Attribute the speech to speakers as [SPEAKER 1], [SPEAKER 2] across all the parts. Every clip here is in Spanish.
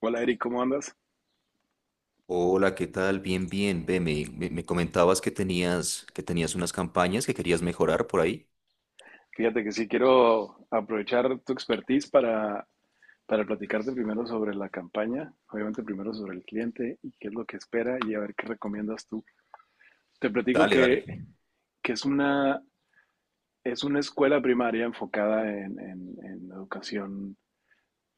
[SPEAKER 1] Hola Eric, ¿cómo andas?
[SPEAKER 2] Hola, ¿qué tal? Bien, bien. Ve, me comentabas que tenías unas campañas que querías mejorar por ahí.
[SPEAKER 1] Fíjate que sí quiero aprovechar tu expertise para platicarte primero sobre la campaña, obviamente primero sobre el cliente y qué es lo que espera y a ver qué recomiendas tú. Te platico
[SPEAKER 2] Dale, dale.
[SPEAKER 1] que es una escuela primaria enfocada en educación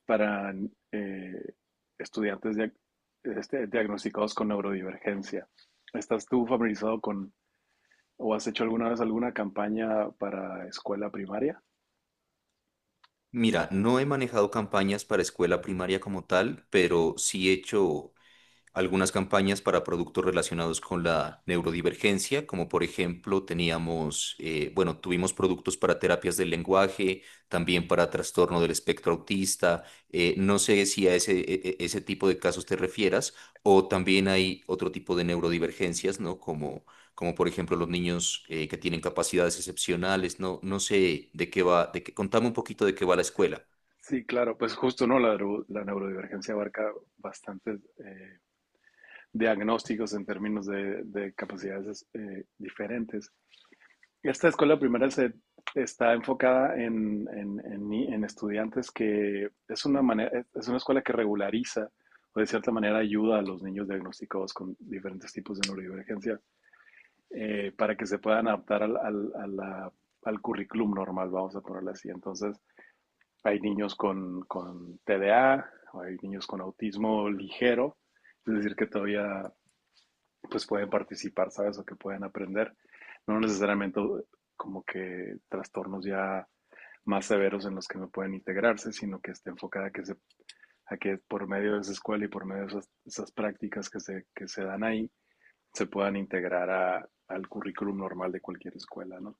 [SPEAKER 1] para eh, estudiantes este, diagnosticados con neurodivergencia. ¿Estás tú familiarizado con o has hecho alguna vez alguna campaña para escuela primaria?
[SPEAKER 2] Mira, no he manejado campañas para escuela primaria como tal, pero sí he hecho algunas campañas para productos relacionados con la neurodivergencia, como por ejemplo teníamos, bueno, tuvimos productos para terapias del lenguaje, también para trastorno del espectro autista. No sé si a ese tipo de casos te refieras, o también hay otro tipo de neurodivergencias, ¿no? Como por ejemplo los niños que tienen capacidades excepcionales, ¿no? No sé de qué va, de qué, contame un poquito de qué va la escuela.
[SPEAKER 1] Sí, claro, pues justo, ¿no? La neurodivergencia abarca bastantes diagnósticos en términos de capacidades diferentes. Esta escuela primaria se está enfocada en ni- en estudiantes que es una escuela que regulariza o de cierta manera ayuda a los niños diagnosticados con diferentes tipos de neurodivergencia para que se puedan adaptar al currículum normal, vamos a ponerlo así. Entonces, hay niños con TDA, hay niños con autismo ligero, es decir, que todavía pues pueden participar, ¿sabes? O que pueden aprender. No necesariamente como que trastornos ya más severos en los que no pueden integrarse, sino que esté enfocada a que por medio de esa escuela y por medio de esas prácticas que que se dan ahí, se puedan integrar al currículum normal de cualquier escuela, ¿no?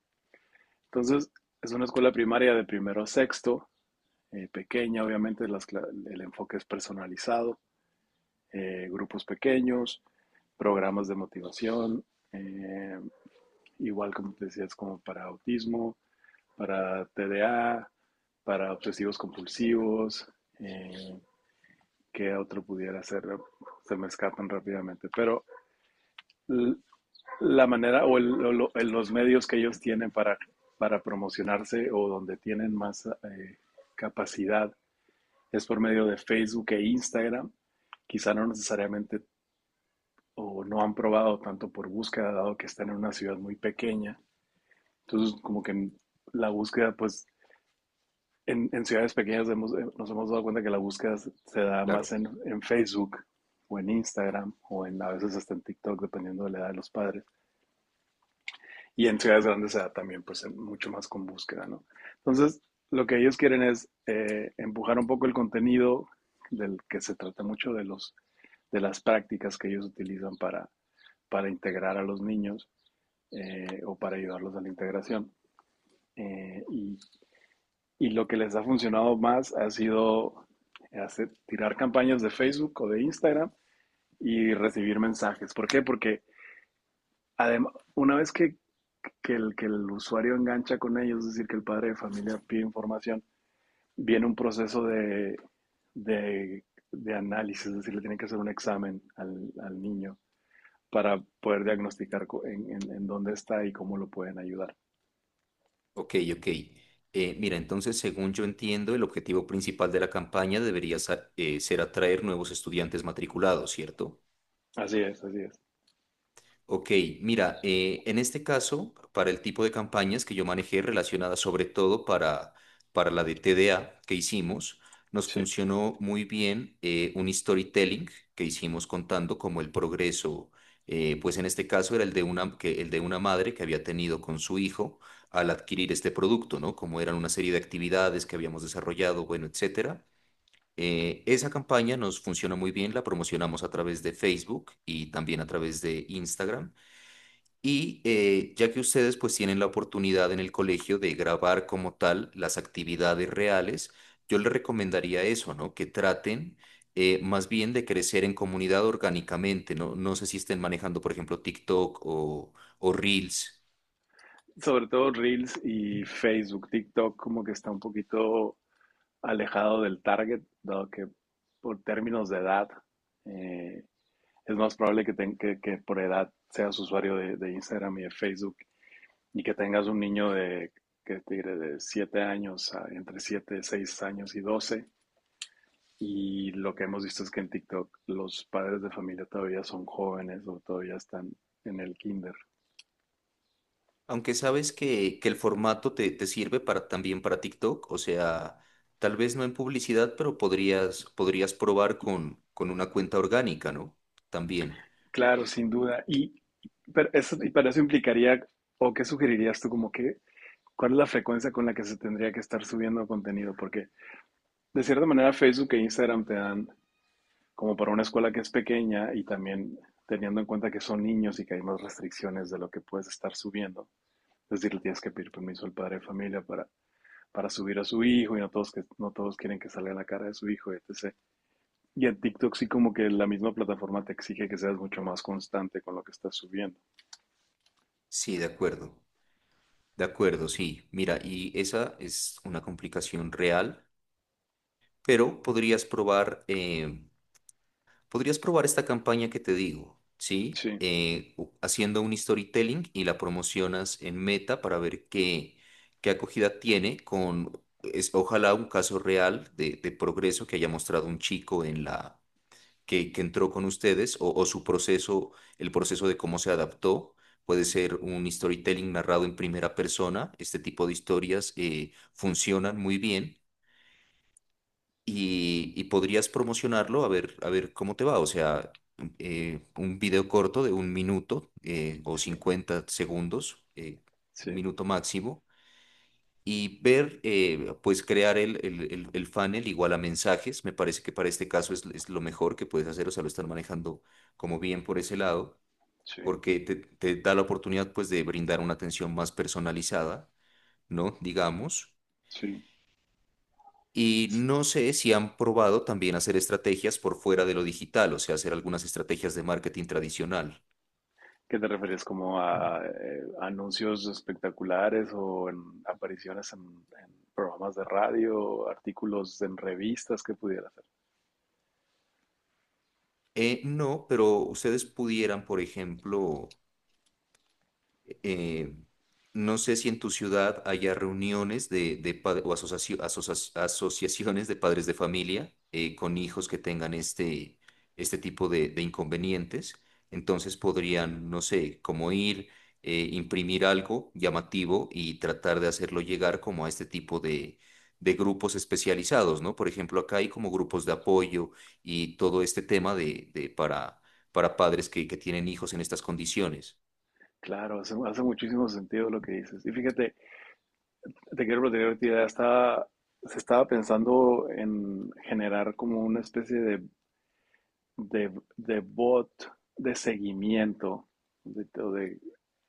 [SPEAKER 1] Entonces, es una escuela primaria de primero a sexto, pequeña, obviamente el enfoque es personalizado, grupos pequeños, programas de motivación, eh, igual como te decías, como para autismo, para TDA, para obsesivos compulsivos, eh, qué otro pudiera hacer, se me escapan rápidamente, pero la manera o los medios que ellos tienen para promocionarse o donde tienen más capacidad es por medio de Facebook e Instagram. Quizá no necesariamente o no han probado tanto por búsqueda, dado que están en una ciudad muy pequeña. Entonces, como que en la búsqueda, pues en ciudades pequeñas nos hemos dado cuenta que la búsqueda se da más
[SPEAKER 2] Claro.
[SPEAKER 1] en Facebook o en Instagram o a veces hasta en TikTok, dependiendo de la edad de los padres. Y en ciudades grandes se da también, pues, mucho más con búsqueda, ¿no? Entonces, lo que ellos quieren es empujar un poco el contenido del que se trata mucho de las prácticas que ellos utilizan para integrar a los niños o para ayudarlos a la integración. Eh, y, lo que les ha funcionado más ha sido hacer, tirar campañas de Facebook o de Instagram y recibir mensajes. ¿Por qué? Porque además, una vez que el usuario engancha con ellos, es decir, que el padre de familia pide información, viene un proceso de, de análisis, es decir, le tienen que hacer un examen al niño para poder diagnosticar dónde está y cómo lo pueden ayudar.
[SPEAKER 2] Ok, ok. Mira, entonces, según yo entiendo, el objetivo principal de la campaña debería ser atraer nuevos estudiantes matriculados, ¿cierto?
[SPEAKER 1] Así es, así es.
[SPEAKER 2] Ok, mira, en este caso, para el tipo de campañas que yo manejé relacionadas sobre todo para la de TDA que hicimos, nos
[SPEAKER 1] Sí.
[SPEAKER 2] funcionó muy bien un storytelling que hicimos contando como el progreso, pues en este caso era el de una, que, el de una madre que había tenido con su hijo al adquirir este producto, ¿no? Como eran una serie de actividades que habíamos desarrollado, bueno, etcétera. Esa campaña nos funcionó muy bien, la promocionamos a través de Facebook y también a través de Instagram. Y ya que ustedes pues tienen la oportunidad en el colegio de grabar como tal las actividades reales, yo les recomendaría eso, ¿no? Que traten más bien de crecer en comunidad orgánicamente, ¿no? No sé si estén manejando, por ejemplo, TikTok o Reels,
[SPEAKER 1] Sobre todo Reels y Facebook, TikTok como que está un poquito alejado del target, dado que por términos de edad eh, es más probable que, te, que, por edad seas usuario de Instagram y de Facebook y que tengas un niño de, que te diré, de 7 años, entre 7 6 años y 12. Y lo que hemos visto es que en TikTok los padres de familia todavía son jóvenes o todavía están en el kinder.
[SPEAKER 2] aunque sabes que el formato te sirve para, también para TikTok, o sea, tal vez no en publicidad, pero podrías probar con una cuenta orgánica, ¿no? También.
[SPEAKER 1] Claro, sin duda. Pero eso, y para eso implicaría, o qué sugerirías tú, como que, ¿cuál es la frecuencia con la que se tendría que estar subiendo contenido? Porque de cierta manera Facebook e Instagram te dan como para una escuela que es pequeña y también teniendo en cuenta que son niños y que hay más restricciones de lo que puedes estar subiendo. Es decir, le tienes que pedir permiso al padre de familia para subir a su hijo y no todos, que, no todos quieren que salga la cara de su hijo, etc. Y en TikTok sí como que la misma plataforma te exige que seas mucho más constante con lo que estás subiendo.
[SPEAKER 2] Sí, de acuerdo. De acuerdo, sí. Mira, y esa es una complicación real, pero podrías probar esta campaña que te digo, ¿sí?
[SPEAKER 1] Sí,
[SPEAKER 2] Haciendo un storytelling y la promocionas en Meta para ver qué, qué acogida tiene con, es, ojalá un caso real de progreso que haya mostrado un chico en la que entró con ustedes o su proceso, el proceso de cómo se adaptó. Puede ser un storytelling narrado en primera persona. Este tipo de historias funcionan muy bien y podrías promocionarlo a ver cómo te va. O sea, un video corto de un minuto o
[SPEAKER 1] sí,
[SPEAKER 2] 50 segundos, un
[SPEAKER 1] sí,
[SPEAKER 2] minuto máximo y ver, pues crear el funnel igual a mensajes. Me parece que para este caso es lo mejor que puedes hacer, o sea, lo están manejando como bien por ese lado, porque te da la oportunidad pues de brindar una atención más personalizada, ¿no? Digamos.
[SPEAKER 1] sí,
[SPEAKER 2] Y
[SPEAKER 1] sí.
[SPEAKER 2] no sé si han probado también hacer estrategias por fuera de lo digital, o sea, hacer algunas estrategias de marketing tradicional.
[SPEAKER 1] ¿Qué te refieres? ¿Como a anuncios espectaculares o en apariciones en programas de radio, artículos en revistas que pudiera hacer?
[SPEAKER 2] No, pero ustedes pudieran, por ejemplo, eh, no sé si en tu ciudad haya reuniones de, asociaciones de padres de familia con hijos que tengan este, este tipo de inconvenientes. Entonces podrían, no sé, como ir, imprimir algo llamativo y tratar de hacerlo llegar como a este tipo de grupos especializados, ¿no? Por ejemplo, acá hay como grupos de apoyo y todo este tema de para padres que tienen hijos en estas condiciones.
[SPEAKER 1] Claro, hace muchísimo sentido lo que dices. Y fíjate, te quiero plantear ahorita, se estaba pensando en generar como una especie de, de bot de seguimiento de, o de-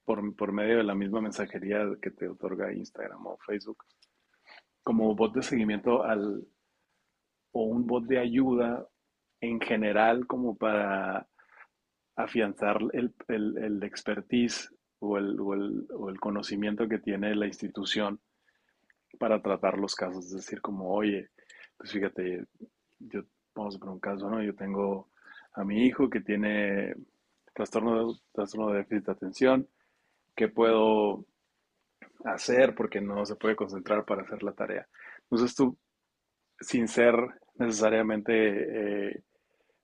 [SPEAKER 1] por medio de la misma mensajería que te otorga Instagram o Facebook, como bot de seguimiento o un bot de ayuda en general como para afianzar el expertise o el conocimiento que tiene la institución para tratar los casos. Es decir, como, oye, pues fíjate, yo, vamos a poner un caso, ¿no? Yo tengo a mi hijo que tiene trastorno de déficit de atención, ¿qué puedo hacer porque no se puede concentrar para hacer la tarea? Entonces tú, sin ser necesariamente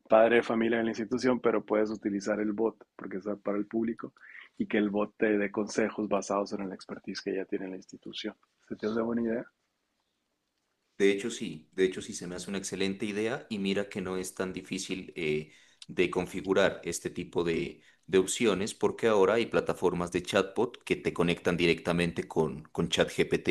[SPEAKER 1] padre de familia de la institución, pero puedes utilizar el bot porque es para el público y que el bot te dé consejos basados en la expertise que ya tiene la institución. ¿Se te hace buena idea?
[SPEAKER 2] De hecho, sí se me hace una excelente idea y mira que no es tan difícil de configurar este tipo de opciones porque ahora hay plataformas de chatbot que te conectan directamente con ChatGPT.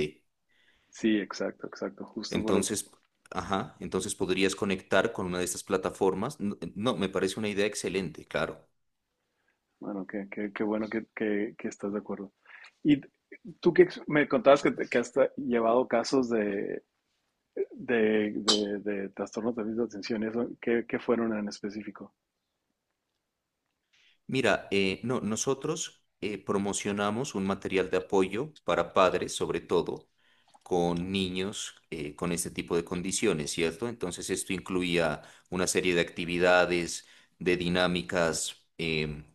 [SPEAKER 1] Sí, exacto, exacto.
[SPEAKER 2] Entonces, ajá, entonces podrías conectar con una de estas plataformas. No, me parece una idea excelente, claro.
[SPEAKER 1] Qué, qué bueno que estás de acuerdo. Y tú me contabas que, te- que has tra- llevado casos de trastornos de déficit de atención, y eso, ¿qué fueron en específico?
[SPEAKER 2] Mira, no, nosotros promocionamos un material de apoyo para padres, sobre todo con niños con este tipo de condiciones, ¿cierto? Entonces esto incluía una serie de actividades, de dinámicas.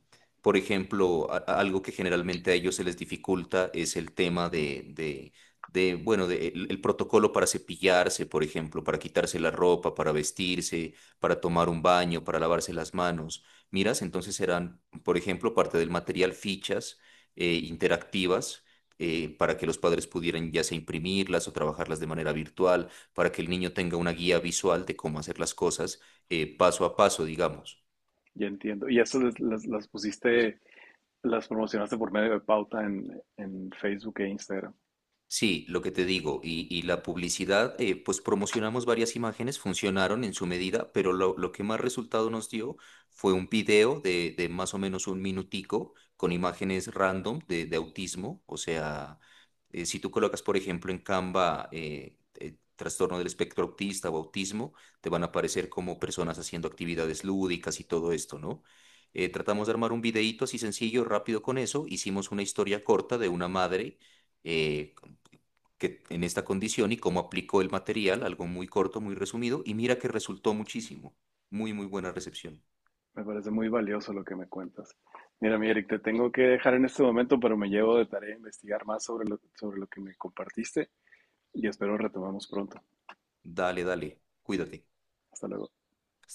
[SPEAKER 2] Por ejemplo, algo que generalmente a ellos se les dificulta es el tema de, bueno, de el protocolo para cepillarse, por ejemplo, para quitarse la ropa, para vestirse, para tomar un baño, para lavarse las manos miras, entonces serán, por ejemplo, parte del material fichas interactivas para que los padres pudieran ya sea imprimirlas o trabajarlas de manera virtual, para que el niño tenga una guía visual de cómo hacer las cosas paso a paso, digamos.
[SPEAKER 1] Ya entiendo. ¿Y estas las promocionaste por medio de pauta en Facebook e Instagram?
[SPEAKER 2] Sí, lo que te digo, y la publicidad, pues promocionamos varias imágenes, funcionaron en su medida, pero lo que más resultado nos dio fue un video de más o menos un minutico con imágenes random de autismo. O sea, si tú colocas, por ejemplo, en Canva trastorno del espectro autista o autismo, te van a aparecer como personas haciendo actividades lúdicas y todo esto, ¿no? Tratamos de armar un videíto así sencillo, rápido con eso. Hicimos una historia corta de una madre. eh, que en esta condición y cómo aplicó el material, algo muy corto, muy resumido, y mira que resultó muchísimo. Muy, muy buena recepción.
[SPEAKER 1] Me parece muy valioso lo que me cuentas. Mira, mi Eric, te tengo que dejar en este momento, pero me llevo de tarea investigar más sobre lo que me compartiste y espero retomamos pronto.
[SPEAKER 2] Dale, dale, cuídate.
[SPEAKER 1] Hasta luego.
[SPEAKER 2] Hasta